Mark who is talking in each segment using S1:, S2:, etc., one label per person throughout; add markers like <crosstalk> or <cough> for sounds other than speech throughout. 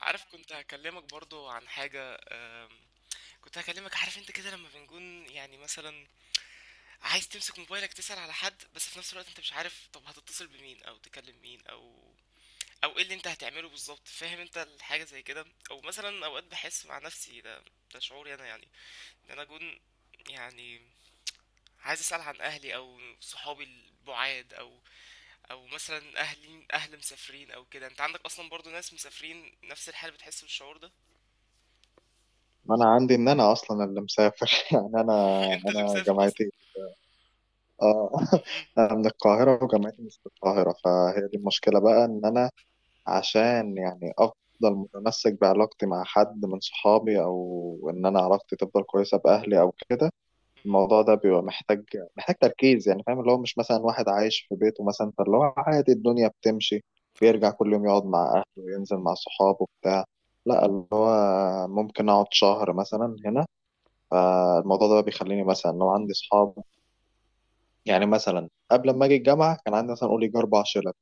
S1: عارف كنت هكلمك برضو عن حاجة كنت هكلمك. عارف انت كده لما بنكون يعني مثلا عايز تمسك موبايلك تسأل على حد، بس في نفس الوقت انت مش عارف طب هتتصل بمين او تكلم مين او ايه اللي انت هتعمله بالظبط. فاهم انت الحاجة زي كده؟ او مثلا اوقات بحس مع نفسي. ده شعوري انا يعني، ان انا اكون يعني عايز اسأل عن اهلي او صحابي البعاد، او مثلا اهلي اهل مسافرين او كده. انت عندك اصلا برضو ناس مسافرين، نفس الحال بتحس بالشعور ده.
S2: ما انا عندي ان انا اصلا اللي مسافر. <laughs> يعني انا
S1: <laughs> انت اللي
S2: انا
S1: مسافر.
S2: جامعتي. اه <laughs>
S1: اهم.
S2: انا من القاهره، وجامعتي مش في القاهره، فهي دي المشكله بقى، ان انا
S1: اهم.
S2: عشان يعني افضل متمسك بعلاقتي مع حد من صحابي، او ان انا علاقتي تفضل كويسه باهلي او كده.
S1: اهم.
S2: الموضوع ده بيبقى محتاج تركيز، يعني فاهم اللي هو مش مثلا واحد عايش في بيته مثلا، فاللي هو عادي الدنيا بتمشي،
S1: آه.
S2: بيرجع كل يوم يقعد مع اهله وينزل مع صحابه بتاع. لا، اللي هو ممكن اقعد شهر مثلا هنا. فالموضوع ده بقى بيخليني مثلا لو عندي اصحاب، يعني مثلا قبل ما اجي الجامعه كان عندي مثلا قول يجي اربع شلة.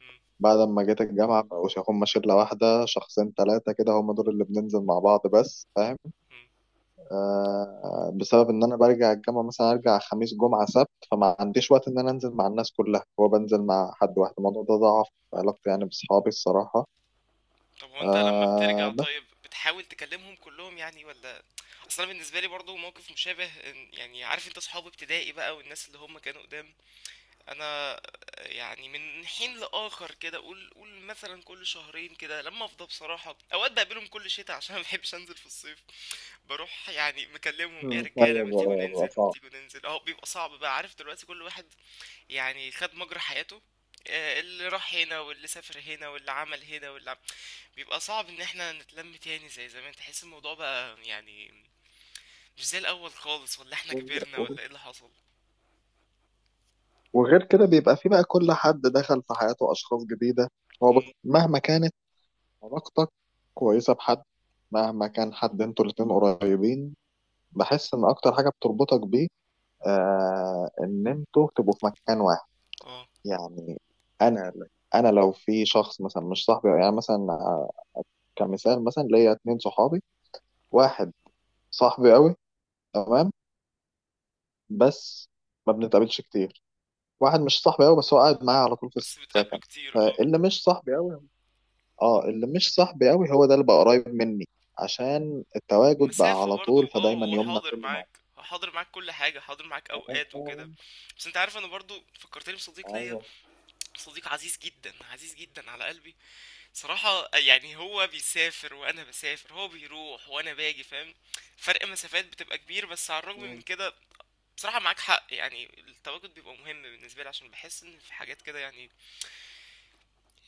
S1: إمم.
S2: بعد ما جيت الجامعه مبقوش هما شله واحده، شخصين ثلاثه كده هم دول اللي بننزل مع بعض بس، فاهم؟
S1: إمم.
S2: آه، بسبب ان انا برجع الجامعه مثلا، ارجع خميس جمعه سبت، فما عنديش وقت ان انا انزل مع الناس كلها، هو بنزل مع حد واحد. الموضوع ده ضعف علاقتي يعني باصحابي الصراحه.
S1: طب هو أنت لمّا
S2: آه
S1: بترجع،
S2: بس.
S1: طيب بتحاول تكلمهم كلّهم يعني والّا؟ أصل أنا بالنسبة لي برضه موقف مشابه، إن يعني عارف أنت صحاب ابتدائي بقى والناس اللي هم كانوا قدام، أنا يعني من حين لآخر كده، قُل مثلًا كل شهرين كده لمّا أفضى بصراحة. أوقات باقابلهم كل شتا عشان ما باحبش أنزل في الصيف، باروح يعني مكلمهم إيه يا رجالة
S2: ايوه،
S1: ما تيجوا
S2: بقى
S1: ننزل، ما
S2: بقى
S1: تيجوا ننزل. أهو بيبقى صعب بقى، عارف دلوقتي كل واحد يعني خد مجرى حياته. آه، اللي راح هنا واللي سافر هنا واللي عمل هنا بيبقى صعب ان احنا نتلم تاني زي زمان. تحس الموضوع بقى يعني مش زي الاول خالص. ولا احنا كبرنا
S2: صعب.
S1: ولا ايه اللي حصل؟
S2: وغير كده بيبقى في بقى كل حد دخل في حياته أشخاص جديدة. هو مهما كانت علاقتك كويسة بحد، مهما كان حد انتوا الاتنين قريبين، بحس إن أكتر حاجة بتربطك بيه إن انتوا تبقوا في مكان واحد
S1: اه،
S2: يعني. أنا أنا لو في شخص مثلا مش صاحبي، يعني مثلا كمثال، مثلا ليا اتنين صحابي. واحد صاحبي قوي تمام، بس ما بنتقابلش كتير. واحد مش صاحبي قوي، بس هو قاعد معايا على طول في
S1: بس بتقابله
S2: السكن.
S1: كتير اه.
S2: فاللي مش صاحبي قوي، اه اللي مش صاحبي قوي هو ده اللي بقى قريب مني عشان التواجد بقى
S1: مسافة
S2: على
S1: برضو
S2: طول،
S1: اه،
S2: فدايما
S1: هو
S2: يومنا
S1: حاضر
S2: كله مع
S1: معاك. هو حاضر معاك، كل حاجة حاضر معاك
S2: بعض.
S1: اوقات
S2: ايوه،
S1: وكده. بس انت عارف، انا برضو فكرتني بصديق ليا.
S2: ايوه،
S1: صديق عزيز جدا، عزيز جدا على قلبي صراحة. يعني هو بيسافر وأنا بسافر، هو بيروح وأنا باجي فاهم. فرق مسافات بتبقى كبير، بس على الرغم من كده بصراحة معاك حق. يعني التواجد بيبقى مهم بالنسبة لي، عشان بحس إن في حاجات كده يعني.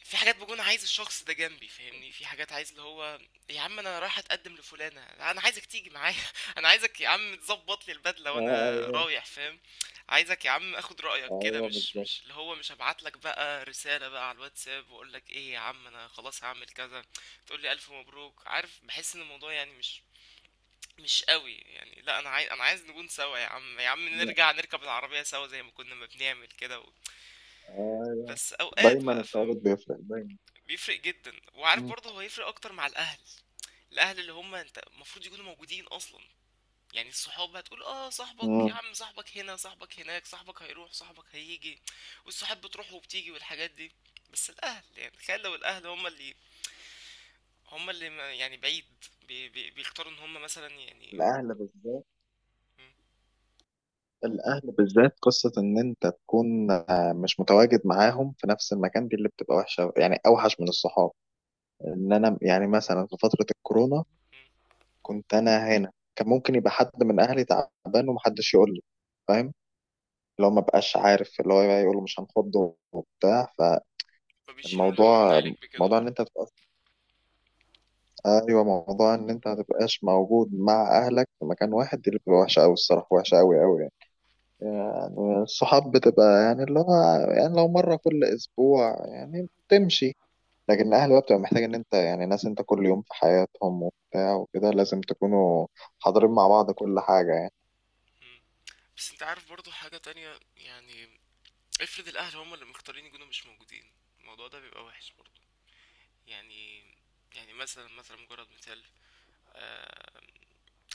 S1: في حاجات بكون عايز الشخص ده جنبي فاهمني. في حاجات عايز اللي هو يا عم انا رايح اتقدم لفلانه، انا عايزك تيجي معايا. <laughs> انا عايزك يا عم تظبط لي البدله وانا
S2: ايوه،
S1: رايح فاهم. عايزك يا عم اخد رايك كده،
S2: ايوه،
S1: مش
S2: بالظبط.
S1: مش اللي هو مش هبعت لك بقى رساله بقى على الواتساب واقول لك ايه يا عم انا خلاص هعمل كذا، تقول لي الف مبروك. عارف بحس ان الموضوع يعني مش قوي يعني. لا انا عايز، انا عايز نكون سوا يا عم. يا عم نرجع نركب العربيه سوا زي ما كنا ما بنعمل كده
S2: ايوه
S1: بس اوقات
S2: دايما
S1: بقى فاهم.
S2: التواجد بيفرق دايما.
S1: بيفرق جدا، وعارف
S2: مم.
S1: برضه هو هيفرق اكتر مع الاهل. الاهل اللي هم انت المفروض يكونوا موجودين اصلا. يعني الصحاب هتقول اه صاحبك يا
S2: مم.
S1: عم، صاحبك هنا صاحبك هناك، صاحبك هيروح صاحبك هيجي، والصحاب بتروح وبتيجي والحاجات دي. بس الاهل يعني تخيل لو الاهل هم اللي، يعني بعيد، بي بي بيختاروا ان هم مثلا يعني.
S2: الاهل بالذات،
S1: م-
S2: الاهل بالذات قصه ان انت تكون مش متواجد معاهم في نفس المكان، دي اللي بتبقى وحشه يعني، اوحش من الصحاب. ان انا يعني مثلا في فتره الكورونا
S1: م-
S2: كنت انا هنا، كان ممكن يبقى حد من اهلي تعبان ومحدش يقول لي، فاهم؟ اللي هو ما بقاش عارف، اللي هو يقول له مش هنخضه وبتاع.
S1: فبيشيلوا الهم من
S2: فالموضوع،
S1: عليك بكده
S2: موضوع
S1: اه.
S2: ان انت تبقى، ايوه موضوع ان انت ما تبقاش موجود مع اهلك في مكان واحد، دي اللي بتبقى وحشه قوي الصراحه، وحشه قوي قوي يعني. يعني الصحاب بتبقى يعني اللي هو، يعني لو مره كل اسبوع يعني بتمشي. لكن الاهل بقى بتبقى محتاج ان انت يعني ناس انت كل يوم في حياتهم وبتاع وكده، لازم تكونوا حاضرين مع بعض كل حاجه يعني.
S1: م. بس انت عارف برضه حاجة تانية يعني. افرض الاهل هم اللي مختارين يكونوا مش موجودين، الموضوع ده بيبقى وحش برضه. يعني يعني مثلا، مثلا مجرد مثال. آه،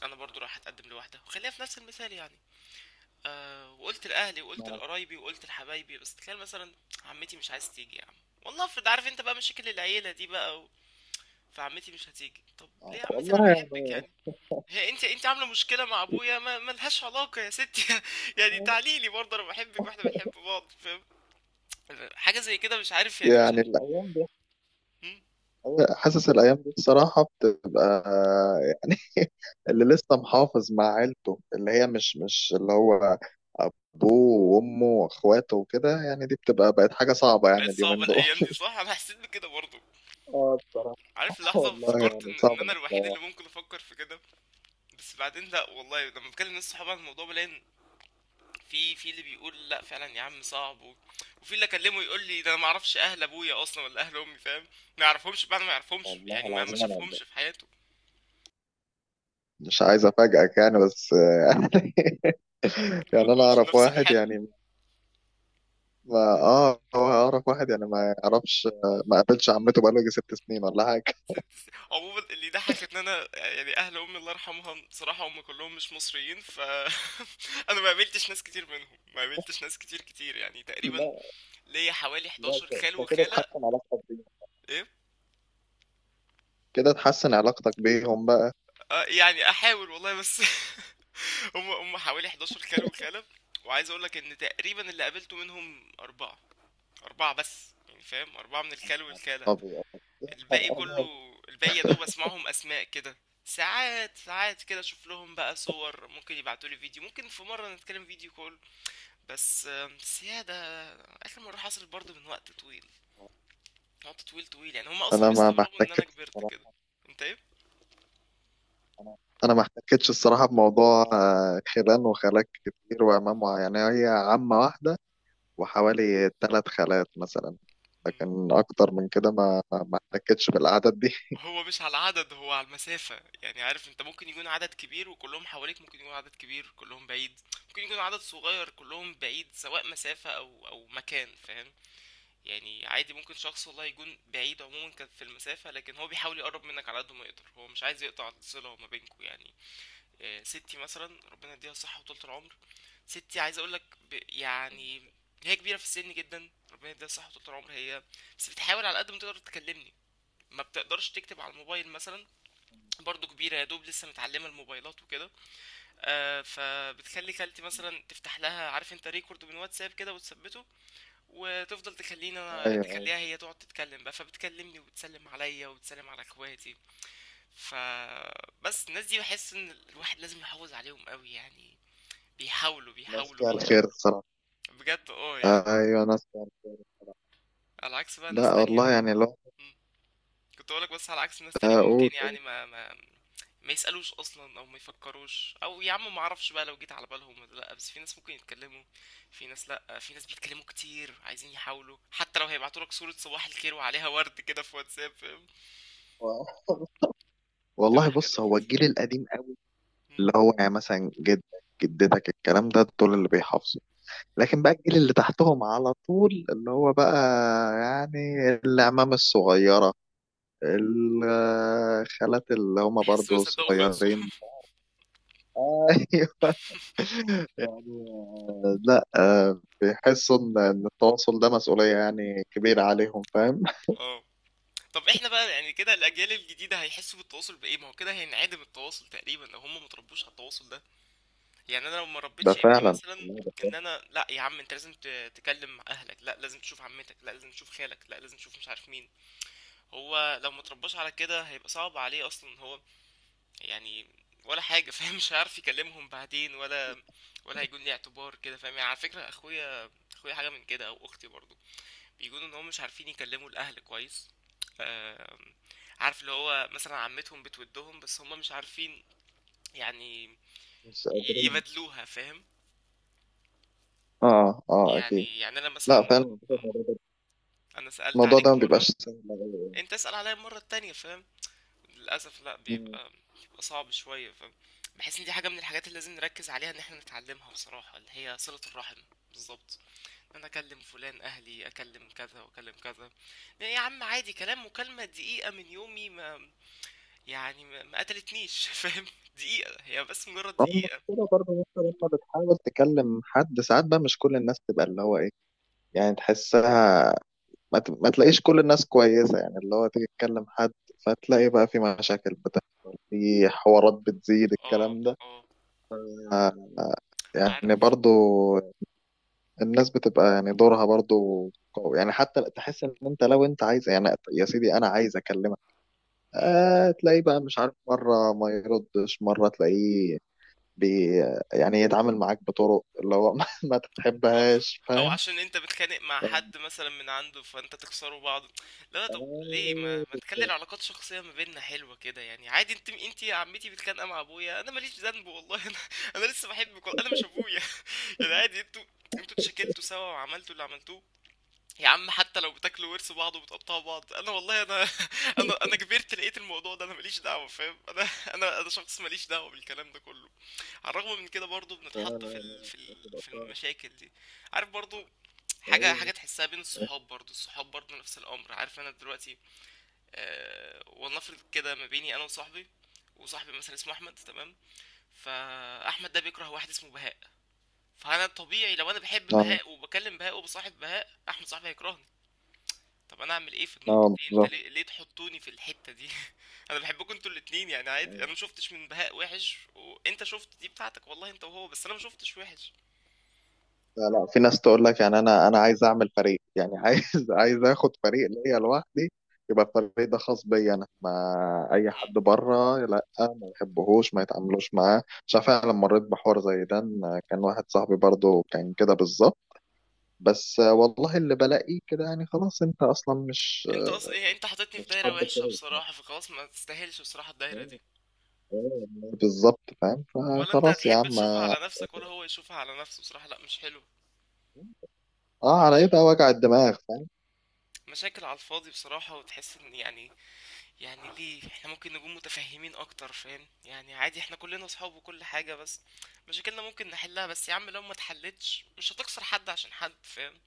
S1: انا برضو راح اتقدم لواحده وخليها في نفس المثال يعني. آه، وقلت لاهلي وقلت لقرايبي وقلت لحبايبي، بس تخيل مثلا عمتي مش عايز تيجي يا عم. والله افرض عارف انت بقى مشاكل العيله دي بقى فعمتي مش هتيجي. طب ليه يا عمتي انا
S2: والله
S1: بحبك
S2: يعني.
S1: يعني؟ هي انت عامله مشكله مع ابويا،
S2: <laughs>
S1: ما ملهاش علاقه يا ستي. <laughs> يعني تعالي لي برضه، انا بحبك واحنا بنحب بعض فاهم. حاجه زي كده مش عارف يعني، مش
S2: يعني
S1: عارف.
S2: الأيام دي،
S1: هم؟
S2: حاسس الأيام دي بصراحة بتبقى يعني <laughs> اللي لسه محافظ مع عيلته، اللي هي مش، مش اللي هو أبوه وأمه وأخواته وكده يعني، دي بتبقى بقت حاجة صعبة
S1: بقت
S2: يعني
S1: صعبه
S2: اليومين دول.
S1: الايام دي
S2: <laughs>
S1: صح. انا حسيت بكده برضه.
S2: اه بصراحة.
S1: عارف اللحظة
S2: والله
S1: افتكرت
S2: يعني
S1: ان ان
S2: صعب
S1: انا
S2: انك
S1: الوحيد
S2: تروح.
S1: اللي ممكن افكر في كده. بس بعدين لا، والله لما بكلم ناس صحابي عن الموضوع بلاقي إن في، في اللي بيقول لا فعلا يا عم صعب وفي اللي اكلمه يقول لي ده انا ما اعرفش اهل ابويا اصلا ولا اهل امي فاهم. ما يعرفهمش، بعد ما يعرفهمش
S2: والله
S1: يعني ما
S2: العظيم انا
S1: شافهمش في حياته.
S2: مش عايز افاجئك يعني بس. <laughs>
S1: ما
S2: يعني انا
S1: تقولش
S2: اعرف
S1: نفس
S2: واحد
S1: الحال.
S2: يعني، ما اه، هو اعرف واحد يعني ما يعرفش، ما قابلش عمته بقاله يجي 6 سنين ولا حاجه.
S1: ست سنين. عموما اللي ضحك ان انا يعني اهل امي الله يرحمها صراحة هم كلهم مش مصريين. ف <laughs> انا ما قابلتش ناس كتير منهم. ما قابلتش ناس كتير كتير يعني. تقريبا
S2: لا،
S1: ليا حوالي
S2: لا،
S1: 11
S2: ده
S1: خال
S2: ده كده
S1: وخالة.
S2: تحسن علاقتك بيهم،
S1: ايه
S2: كده تحسن علاقتك بيهم بقى.
S1: آه، يعني احاول والله بس. <laughs> هم هم حوالي 11 كلب وكلب. وعايز اقول لك ان تقريبا اللي قابلته منهم اربعة. اربعة بس يعني فاهم، اربعة من الكلب والكلة.
S2: طب يا نهار
S1: الباقي
S2: أبيض.
S1: كله، الباقي يا دوب اسمعهم اسماء كده. ساعات، ساعات كده اشوف لهم بقى صور، ممكن يبعتوا لي فيديو، ممكن في مرة نتكلم فيديو كول. بس بس يا ده اخر مرة حصل برضه من وقت طويل. وقت طويل طويل يعني، هم اصلا
S2: انا ما
S1: بيستغربوا ان انا
S2: احتكتش
S1: كبرت كده.
S2: الصراحه.
S1: انت ايه؟
S2: انا انا ما احتكتش الصراحه بموضوع خلان وخالات كتير وعمام يعني هي عمه واحده، وحوالي ثلاث خالات مثلا. لكن اكتر من كده ما احتكتش بالاعداد دي.
S1: هو مش على العدد، هو على المسافة يعني. عارف انت ممكن يكون عدد كبير وكلهم حواليك، ممكن يكون عدد كبير كلهم بعيد، ممكن يكون عدد صغير كلهم بعيد، سواء مسافة او او مكان فاهم. يعني عادي ممكن شخص والله يكون بعيد، عموما كان في المسافة، لكن هو بيحاول يقرب منك على قد ما يقدر. هو مش عايز يقطع الصلة ما بينكوا يعني. آه، ستي مثلا ربنا يديها الصحة وطولة العمر. ستي عايز اقولك يعني هي كبيرة في السن جدا، ربنا يديها الصحة وطولة العمر. هي بس بتحاول على قد ما تقدر تكلمني. ما بتقدرش تكتب على الموبايل مثلا، برضو كبيرة يا دوب لسه متعلمة الموبايلات وكده. آه، فبتخلي خالتي مثلا تفتح لها عارف انت ريكورد من واتساب كده وتثبته، وتفضل تخليني انا،
S2: ايوه، ايوه.
S1: تخليها هي تقعد تتكلم بقى. فبتكلمني وتسلم عليا وتسلم على اخواتي. فبس الناس دي بحس ان الواحد لازم يحافظ عليهم قوي يعني. بيحاولوا
S2: ناس
S1: بيحاولوا
S2: فيها الخير
S1: بيحاولوا
S2: الصراحه.
S1: بجد اه يعني.
S2: ايوه، انا أسمع الكلام.
S1: على عكس بقى ناس
S2: لا
S1: تانية.
S2: والله يعني لو
S1: كنت اقولك بس على عكس ناس تانية، ممكن
S2: اقول.
S1: يعني ما يسألوش اصلا، او ما يفكروش، او يا عم ما اعرفش بقى لو جيت على بالهم ولا لا. بس في ناس ممكن يتكلموا. في ناس لا، في ناس بيتكلموا كتير عايزين يحاولوا، حتى لو هيبعتوا لك صورة صباح الخير وعليها ورد كده في واتساب فاهم.
S2: <laughs>
S1: بتبقى
S2: والله
S1: حاجة
S2: بص هو
S1: لذيذة.
S2: الجيل القديم قوي،
S1: مم.
S2: اللي هو يعني مثلا جدك، جدتك، الكلام ده دول اللي بيحافظوا. لكن بقى الجيل اللي تحتهم على طول اللي هو بقى، يعني العمام الصغيرة، الخالات اللي هما
S1: تحس ما
S2: برضو
S1: صدقوا خلصوا.
S2: صغيرين.
S1: <laughs>
S2: <laughs> ايوه يعني. لا بيحسوا إن التواصل ده مسؤولية يعني كبيرة عليهم، فاهم؟
S1: اه. طب احنا بقى يعني كده الاجيال الجديدة هيحسوا بالتواصل بايه؟ ما هو كده هينعدم التواصل تقريبا لو هم متربوش على التواصل ده. يعني انا لو ما
S2: ده
S1: ربيتش ابني
S2: فعلا.
S1: مثلا، ان انا لا يا عم انت لازم تكلم اهلك، لا لازم تشوف عمتك، لا لازم تشوف خالك، لا لازم تشوف مش عارف مين، هو لو ما ترباش على كده هيبقى صعب عليه اصلا هو يعني ولا حاجه. <laughs> فاهم مش هيعرف يكلمهم بعدين، ولا ولا هيكون ليه اعتبار كده فاهم يعني. على فكره اخويا، اخويا حاجه من كده او اختي برضو، بيكونوا ان هم مش عارفين يكلموا الاهل كويس. آم، عارف اللي هو مثلا عمتهم بتودهم بس هم مش عارفين يعني
S2: مش قادرين.
S1: يبادلوها فاهم.
S2: اه، اه، اكيد.
S1: يعني يعني انا
S2: لا
S1: مثلا،
S2: فعلا.
S1: انا سألت
S2: الموضوع ده
S1: عليك
S2: ما
S1: مرة،
S2: بيبقاش سهل أوي.
S1: انت اسأل عليا المرة التانية فاهم. للأسف لا،
S2: مم.
S1: بيبقى، بيبقى صعب شوية فاهم. بحس ان دي حاجة من الحاجات اللي لازم نركز عليها ان احنا نتعلمها بصراحة، اللي هي صلة الرحم. بالظبط. ان انا اكلم فلان اهلي، اكلم كذا واكلم كذا. يعني يا عم عادي كلام، مكالمة دقيقة من يومي ما، يعني ما قتلتنيش. <laughs> فاهم، دقيقة هي بس، مجرد
S2: هم.
S1: دقيقة.
S2: كده برضه ممكن لما بتحاول تكلم حد، ساعات بقى مش كل الناس تبقى اللي هو ايه، يعني تحسها. ما تلاقيش كل الناس كويسة، يعني اللي هو تيجي تكلم حد، فتلاقي بقى في مشاكل بتحصل، في حوارات بتزيد
S1: اه
S2: الكلام ده.
S1: اه
S2: آه، يعني
S1: وعارف.
S2: برضو الناس بتبقى يعني دورها برضو قوي يعني، حتى تحس ان انت لو انت عايز، يعني يا سيدي انا عايز اكلمك، آه تلاقيه بقى مش عارف، مرة ما يردش، مرة تلاقيه بي يعني يتعامل معاك بطرق اللي هو <laughs> ما
S1: آه.
S2: تحبهاش،
S1: أو
S2: فاهم؟
S1: عشان أنت بتتخانق مع حد مثلًا من عنده فأنت تكسروا بعض، اللي هو طب ليه ما
S2: أيوه
S1: ما تخلّي
S2: بالظبط.
S1: العلاقات الشخصية ما بيننا حلوة كده يعني؟ عادي أنتِ يا عمتي متخانقة مع أبويا، أنا ما ليش ذنب والله. أنا أنا لسه باحبِك، والله أنا مش أبويا. <laughs> يعني عادي أنتم، أنتم اتشكلتوا سوا وعملتوا اللي عملتوه، يا عم حتى لو بتاكلوا ورث بعض وبتقطعوا بعض، أنا والله أنا <laughs> أنا كبرت لقيت الموضوع ده، أنا ما ليش دعوة فاهم. أنا شخص ما ليش دعوة بالكلام ده كله. على الرغم من كده برضه
S2: آه،
S1: بنتحط في ال في ال
S2: آه،
S1: في
S2: آه،
S1: المشاكل دي. عارف برضه، حاجة
S2: آه،
S1: تحسها بين الصحاب برضو. الصحاب برضو نفس الأمر. عارف أنا دلوقتي أه، ولنفرض كده ما بيني أنا وصاحبي، وصاحبي مثلا اسمه أحمد تمام، فأحمد ده بيكره واحد اسمه بهاء. فأنا طبيعي لو أنا بحب
S2: آه،
S1: بهاء وبكلم بهاء وبصاحب بهاء، أحمد صاحبي هيكرهني. طب أنا أعمل إيه في النقطة
S2: آه،
S1: دي؟ أنت
S2: بالظبط.
S1: ليه, تحطوني في الحتة دي. <laughs> أنا بحبكم أنتوا الاتنين يعني عادي. أنا مشوفتش من بهاء وحش، وأنت شفت دي بتاعتك والله أنت وهو، بس أنا مشوفتش وحش.
S2: لا، لا، في ناس تقول لك يعني انا عايز اعمل فريق، يعني عايز <laughs> عايز اخد فريق ليا لوحدي، يبقى الفريق ده خاص بيا انا ما، اي
S1: مم.
S2: حد بره لا ما بحبهوش، ما يتعاملوش معاه. مش عارف، انا لما مريت بحوار زي ده، إن كان واحد صاحبي برضه كان كده بالظبط. بس والله اللي بلاقيه كده يعني خلاص انت اصلا مش
S1: أنت أصلا إيه؟ أنت حاططني في
S2: مش
S1: دايرة
S2: حد
S1: وحشة
S2: كويس،
S1: بصراحة، فخلاص ما تستاهلش بصراحة الدايرة دي.
S2: بالظبط فاهم.
S1: ولا انت
S2: فخلاص يا
S1: هتحب
S2: عم،
S1: تشوفها على نفسك، ولا هو يشوفها على نفسه. بصراحة لا مش حلو.
S2: اه، على ايه بقى وجع الدماغ، فاهم؟
S1: مشاكل على الفاضي بصراحة. وتحس ان يعني، يعني ليه احنا ممكن نكون متفهمين اكتر فاهم يعني؟ عادي احنا كلنا اصحاب وكل حاجة، بس مشاكلنا ممكن نحلها. بس يا عم لو ما اتحلتش مش هتخسر حد عشان حد فاهم.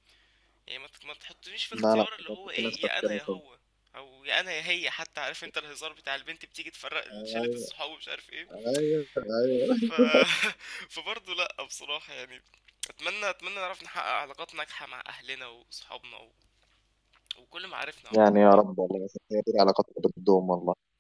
S1: يعني ما تحطنيش في
S2: لا، لا،
S1: اختيار اللي
S2: بجد
S1: هو
S2: في ناس
S1: ايه، يا انا يا
S2: تفكيرها
S1: هو، او يا انا يا هي. حتى عارف انت الهزار بتاع البنت بتيجي تفرق
S2: صعب.
S1: شلة الصحاب ومش عارف ايه.
S2: ايوه، ايوه،
S1: ف <laughs> فبرضه لأ بصراحة يعني. أتمنى نعرف نحقق علاقات ناجحة مع أهلنا وصحابنا وكل معارفنا عموما.
S2: يعني يا رب والله، بس هي دي العلاقات اللي بتدوم والله